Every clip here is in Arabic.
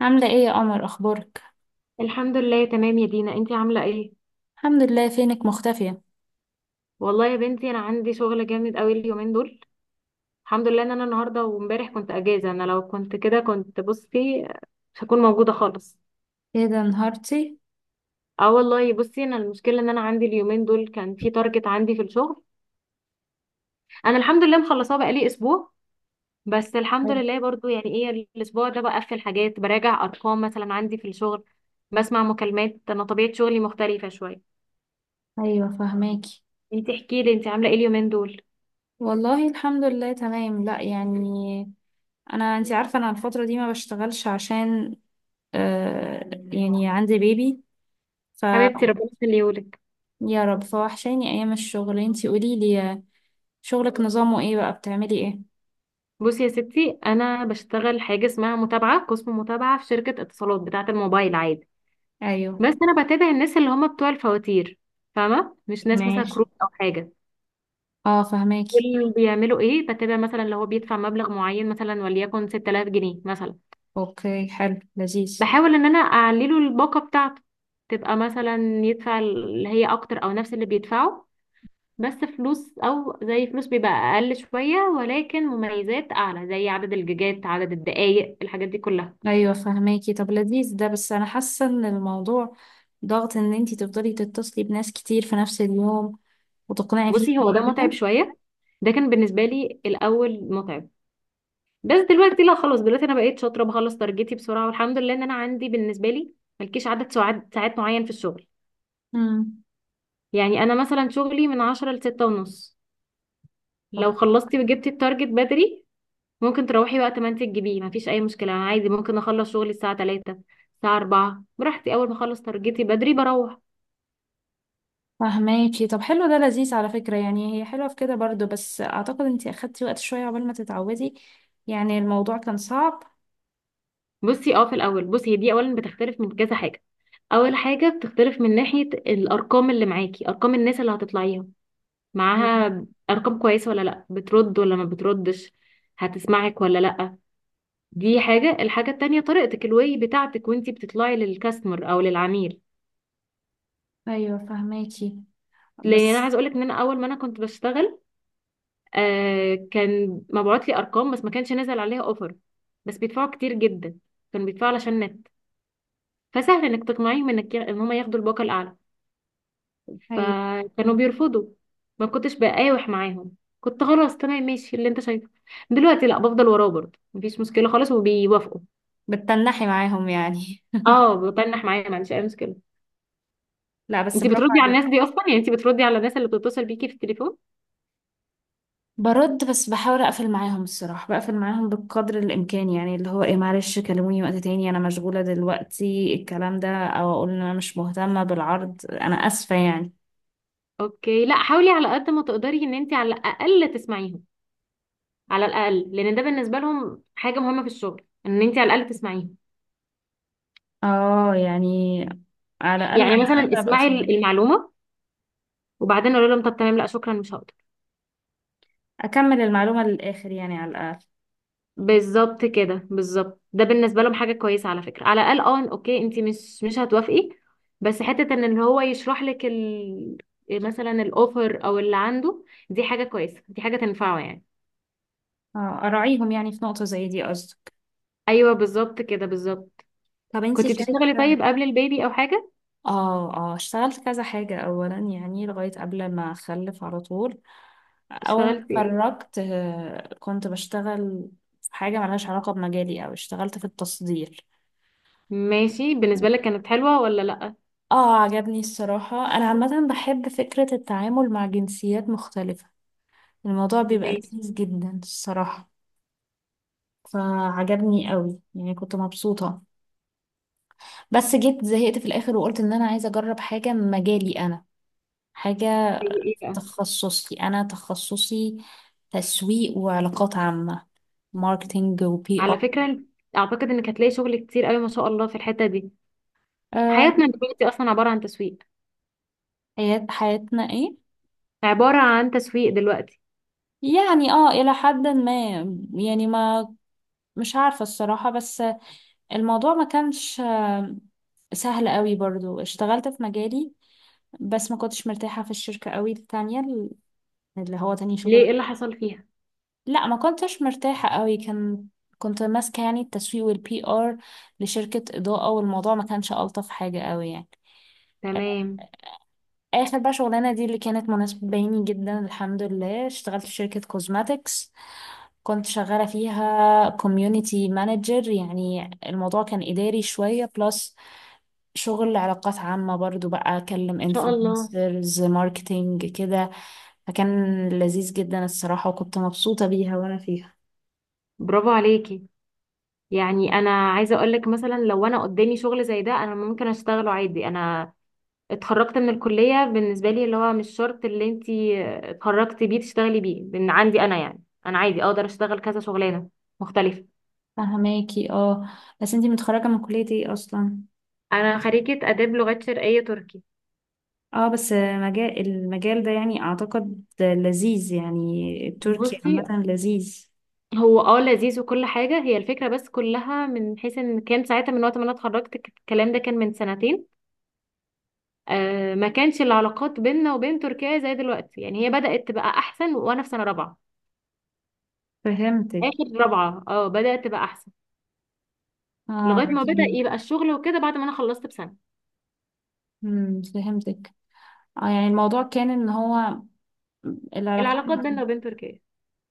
عاملة ايه يا قمر؟ اخبارك؟ الحمد لله تمام يا دينا، انتي عامله ايه؟ الحمد لله. فينك مختفية؟ والله يا بنتي انا عندي شغل جامد قوي اليومين دول. الحمد لله ان انا النهارده وامبارح كنت اجازه، انا لو كنت كده كنت بصي مش هكون موجوده خالص. ايه ده انهارتي؟ اه والله بصي، انا المشكله ان انا عندي اليومين دول كان في تارجت عندي في الشغل. انا الحمد لله مخلصاه بقالي اسبوع، بس الحمد حلو. لله برضو يعني ايه، الاسبوع ده بقفل حاجات، براجع ارقام مثلا عندي في الشغل، بسمع مكالمات. انا طبيعه شغلي مختلفه شويه. ايوه فهماكي. انتي احكي لي، انتي عامله ايه اليومين دول؟ والله الحمد لله تمام. لا يعني انا، انتي عارفة انا الفترة دي ما بشتغلش عشان يعني عندي بيبي. ف، حبيبتي ربنا يخليهولك. يا رب. فوحشاني ايام الشغل. انتي قوليلي، شغلك نظامه ايه بقى؟ بتعملي ايه؟ بصي يا ستي، انا بشتغل حاجه اسمها متابعه، قسم متابعه في شركه اتصالات بتاعه الموبايل عادي. ايوه. بس انا بتابع الناس اللي هم بتوع الفواتير، فاهمه؟ مش ناس مثلا ماشي. كروت او حاجه. اه فهماكي. دول بيعملوا ايه؟ بتابع مثلا لو هو بيدفع مبلغ معين مثلا، وليكن 6000 جنيه مثلا، اوكي حلو، لذيذ. بحاول ان انا اعلي له الباقه بتاعته، تبقى مثلا يدفع اللي هي اكتر او نفس اللي بيدفعه. بس فلوس او زي فلوس بيبقى اقل شويه، ولكن مميزات اعلى زي عدد الجيجات، عدد الدقائق، الحاجات دي كلها. ايوه فهماكي. طب لذيذ ده، بس انا حاسه ان الموضوع ضغط، ان انتي تفضلي تتصلي بناس كتير في نفس اليوم وتقنعي بصي هو فيهم ده متعب كده. شوية. ده كان بالنسبة لي الأول متعب، بس دلوقتي لا، خلاص دلوقتي أنا بقيت شاطرة، بخلص تارجتي بسرعة، والحمد لله إن أنا عندي بالنسبة لي ملكيش عدد ساعات معين في الشغل. امم يعني أنا مثلا شغلي من عشرة لستة ونص، لو خلصتي وجبتي التارجت بدري ممكن تروحي وقت ما أنت تجيبيه، مفيش أي مشكلة. أنا عادي ممكن أخلص شغلي الساعة تلاتة، الساعة أربعة براحتي، أول ما أخلص تارجتي بدري بروح. فهماكي. طب حلو، ده لذيذ على فكره. يعني هي حلوه في كده برضو، بس اعتقد انتي اخدتي وقت شويه عقبال ما تتعودي، يعني الموضوع كان صعب. بصي اه، في الأول بصي، هي دي أولا بتختلف من كذا حاجة. اول حاجه بتختلف من ناحيه الارقام اللي معاكي، ارقام الناس اللي هتطلعيها ايوه. معاها ارقام كويسه ولا لا، بترد ولا ما بتردش، هتسمعك ولا لا. دي حاجه. الحاجه التانية طريقتك، الواي بتاعتك وانتي بتطلعي للكاستمر او للعميل. ايوه فهماكي. لان انا بس عايز اقولك ان انا اول ما انا كنت بشتغل كان مبعوت لي ارقام بس ما كانش نازل عليها اوفر، بس بيدفعوا كتير جدا، كانوا بيدفعوا علشان نت. فسهل انك تقنعيهم انك ان هم ياخدوا الباقه الاعلى، ايوه، فكانوا بيرفضوا. ما كنتش بقاوح معاهم، كنت خلاص تمام ماشي اللي انت شايفه. دلوقتي لا، بفضل وراه برضه مفيش مشكله خالص وبيوافقوا. بتتنحي معاهم يعني؟ اه بتنح معايا، ما عنديش اي مشكله. لا، بس انت برافو بتردي على عليكي. الناس دي اصلا؟ يعني انت بتردي على الناس اللي بتتصل بيكي في التليفون؟ برد، بس بحاول اقفل معاهم الصراحه، بقفل معاهم بقدر الامكان، يعني اللي هو ايه، معلش كلموني وقت تاني انا مشغوله دلوقتي الكلام ده، او اقول ان انا مش مهتمه بالعرض انا اسفه يعني. اوكي لا، حاولي على قد ما تقدري ان انت على الاقل تسمعيهم. على الاقل، لان ده بالنسبه لهم حاجه مهمه في الشغل، ان انت على الاقل تسمعيهم. اه يعني، على الاقل، على يعني مثلا الاقل ابقى اسمعي اسمع، المعلومه، وبعدين قولي لهم طب تمام لا شكرا، مش هقدر. اكمل المعلومه للاخر يعني، على الاقل. بالظبط كده، بالظبط. ده بالنسبه لهم حاجه كويسه على فكره، على الاقل اه اوكي انت مش هتوافقي، بس حته ان اللي هو يشرح لك ال... مثلا الاوفر او اللي عنده، دي حاجه كويسه، دي حاجه تنفعه يعني. اه اراعيهم يعني في نقطه زي دي، قصدك؟ ايوه بالظبط كده، بالظبط. طب انتي كنت بتشتغلي شايفه. طيب قبل البيبي او حاجه؟ اه، اه اشتغلت كذا حاجة. اولا يعني لغاية قبل ما اخلف على طول، اول ما اشتغلتي ايه؟ اتخرجت كنت بشتغل في حاجة ملهاش علاقة بمجالي، او اشتغلت في التصدير. ماشي، بالنسبه لك كانت حلوه ولا لا؟ اه عجبني الصراحة، انا عامة بحب فكرة التعامل مع جنسيات مختلفة، الموضوع بيبقى ماشي. لذيذ جدا الصراحة. فعجبني قوي، يعني كنت مبسوطة. بس جيت زهقت في الاخر وقلت ان انا عايزة اجرب حاجة من مجالي انا، حاجة زي ايه بقى؟ تخصصي، انا تخصصي تسويق وعلاقات عامة، ماركتينج وبي ار. على فكره اعتقد انك هتلاقي شغل كتير قوي ما شاء الله في الحته دي. أه. حياتنا دلوقتي اصلا عباره عن تسويق. حيات، حياتنا ايه؟ عباره عن تسويق دلوقتي. يعني اه الى حد ما. يعني ما مش عارفة الصراحة، بس الموضوع ما كانش سهل قوي. برضو اشتغلت في مجالي بس ما كنتش مرتاحة في الشركة قوي، التانية اللي هو تاني شغل. ليه؟ ايه اللي حصل فيها؟ لا ما كنتش مرتاحة قوي. كان، كنت ماسكة يعني التسويق والبي ار لشركة إضاءة، والموضوع ما كانش ألطف حاجة قوي يعني. تمام ان اخر بقى شغلانه دي اللي كانت مناسبه بيني جدا، الحمد لله، اشتغلت في شركه كوزماتكس، كنت شغاله فيها كوميونتي مانجر. يعني الموضوع كان اداري شويه بلس شغل علاقات عامه برضو، بقى اكلم شاء الله. انفلونسرز، ماركتينج كده. فكان لذيذ جدا الصراحه، وكنت مبسوطه بيها وانا فيها. برافو عليكي. يعني انا عايزه اقول لك، مثلا لو انا قدامي شغل زي ده انا ممكن اشتغله عادي. انا اتخرجت من الكليه، بالنسبه لي اللي هو مش شرط اللي انتي اتخرجتي بيه تشتغلي بيه، لان عندي انا يعني انا عادي اقدر اشتغل كذا شغلانه مختلفه. فهماكي. اه بس انتي متخرجه من كليه ايه اصلا؟ انا خريجه اداب لغات شرقيه تركي. اه، بس مجال المجال ده يعني اعتقد لذيذ، يعني تركي بصي عامه لذيذ. هو اه لذيذ وكل حاجه، هي الفكره بس كلها من حيث ان كان ساعتها، من وقت ما انا اتخرجت الكلام ده كان من سنتين. ما كانش العلاقات بيننا وبين تركيا زي دلوقتي. يعني هي بدأت تبقى احسن وانا في سنة رابعة. فهمتك. اخر رابعة اه بدأت تبقى احسن، اه لغاية ما بدأ لكن. يبقى الشغل وكده بعد ما انا خلصت بسنة. فهمتك. اه يعني الموضوع كان ان هو العلاقات ما العلاقات بيننا كان- وبين تركيا،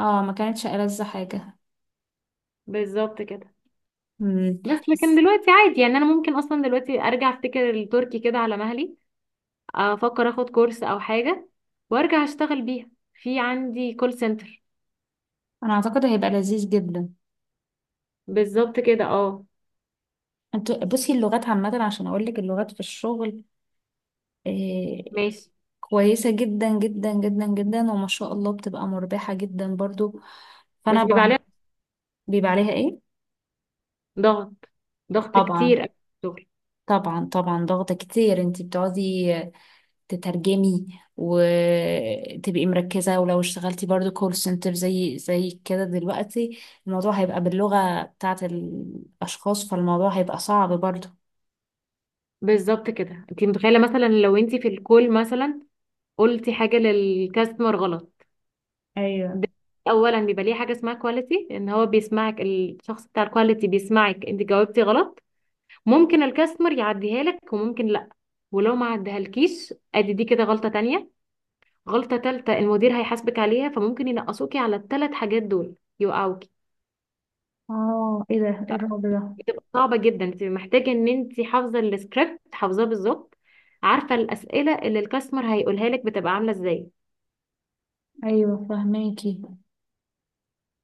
اه ما كانتش ألذ حاجة. بالظبط كده. مم. بس لكن بس دلوقتي عادي، يعني انا ممكن اصلا دلوقتي ارجع افتكر التركي كده على مهلي، افكر اخد كورس او حاجة وارجع اشتغل بيها في عندي كول سنتر. انا اعتقد هيبقى لذيذ جدا. بالظبط كده اه. انتوا بصي، اللغات عامة، عشان اقول لك اللغات في الشغل آه ماشي. كويسة جدا جدا جدا جدا، وما شاء الله بتبقى مربحة جدا برضو. بس فانا بيبقى ب- عليها بيبقى عليها ايه؟ ضغط، ضغط كتير طبعا. أوي في الشغل. طبعا طبعا، ضغط كتير. انتي بتقعدي تترجمي وتبقي مركزة، ولو اشتغلتي برضو كول سنتر زي كده، دلوقتي الموضوع هيبقى باللغة بتاعت الأشخاص، فالموضوع هيبقى صعب برضو. بالظبط كده. انت متخيله مثلا لو انت في الكول مثلا قلتي حاجه للكاستمر غلط؟ ايوه. ده اولا بيبقى ليه حاجه اسمها كواليتي، ان هو بيسمعك، الشخص بتاع الكواليتي بيسمعك انت جاوبتي غلط. ممكن الكاستمر يعديها لك وممكن لا. ولو ما عدهالكيش ادي دي كده غلطه تانية. غلطه تالتة المدير هيحاسبك عليها، فممكن ينقصوكي على الثلاث حاجات دول، يوقعوكي. اه ايه ده؟ إيه الرعب ده؟ بتبقى صعبه جدا، انت محتاجه ان انت حافظه السكريبت حافظاه بالظبط، عارفه الاسئله اللي الكاستمر هيقولها لك بتبقى عامله ازاي. ايوه فهماكي.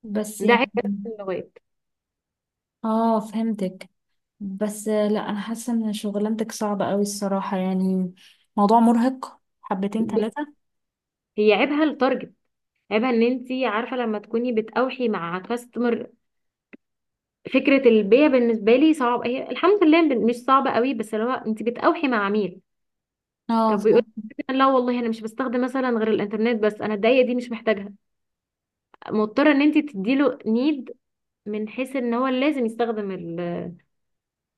بس ده يعني، عيب بس اللغات. اه فهمتك. بس لا انا حاسه ان شغلانتك صعبه قوي الصراحه يعني، موضوع مرهق حبتين ب- ثلاثه. هي عيبها التارجت، عيبها ان انت عارفه لما تكوني بتأوحي مع كاستمر. فكره البيع بالنسبه لي صعب، هي الحمد لله مش صعبه قوي، بس اللي هو انت بتأوحي مع عميل. اه طب بيقول لك لا والله انا مش بستخدم مثلا غير الانترنت، بس انا الدقيقه دي مش محتاجها، مضطره ان انت تديله نيد من حيث ان هو لازم يستخدم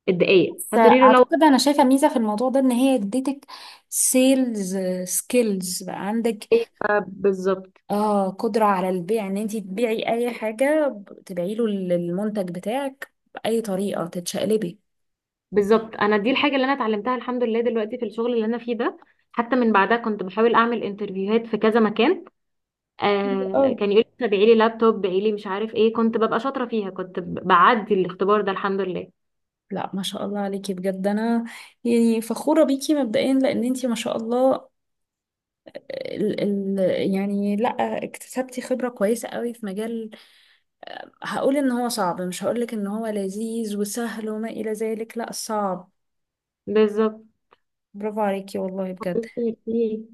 الدقيقه. بس هتقولي له لو اعتقد انا شايفه ميزه في الموضوع ده، ان هي اديتك سيلز، سكيلز بقى عندك. أيوة بالظبط اه قدره على البيع، ان انت تبيعي اي حاجه، تبيعي له المنتج بتاعك باي طريقه تتشقلبي. بالظبط انا دي الحاجه اللي انا اتعلمتها الحمد لله دلوقتي في الشغل اللي انا فيه ده. حتى من بعدها كنت بحاول اعمل انترفيوهات في كذا مكان. أوي. كان يقول لي بيعي لي لابتوب، بيعي لي مش عارف ايه، كنت ببقى شاطره فيها، كنت بعدي الاختبار ده الحمد لله. لا، ما شاء الله عليكي بجد. انا يعني فخوره بيكي مبدئيا، لان انت ما شاء الله آه، ال ال يعني لا، اكتسبتي خبره كويسه قوي في مجال هقول ان هو صعب، مش هقول لك ان هو لذيذ وسهل وما الى ذلك، لا صعب. بالظبط برافو عليكي والله بجد. كتير فيه.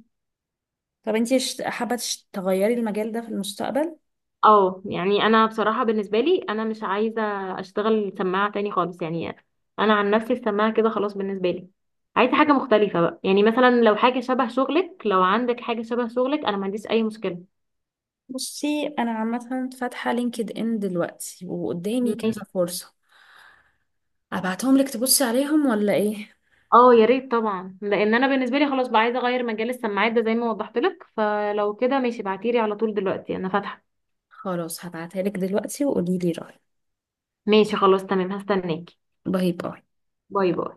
طب انتي حابة تغيري المجال ده في المستقبل؟ اه يعني انا بصراحه بالنسبه لي انا مش عايزه اشتغل سماعه تاني خالص يعني. انا عن نفسي السماعه كده خلاص بالنسبه لي، عايزه حاجه مختلفه بقى. يعني مثلا لو حاجه شبه شغلك، لو عندك حاجه شبه شغلك انا ما عنديش اي مشكله. بصي انا عامة فاتحة لينكد ان دلوقتي وقدامي كذا ماشي. فرصة، ابعتهم لك تبصي عليهم ولا ايه؟ اه يا ريت طبعا، لان انا بالنسبه لي خلاص بقى عايزه اغير مجال السماعات ده زي ما وضحت لك. فلو كده ماشي، ابعتيلي على طول دلوقتي انا فاتحه. خلاص هبعتها لك دلوقتي وقولي لي رأيك. ماشي خلاص تمام، هستناكي. باي باي. باي باي.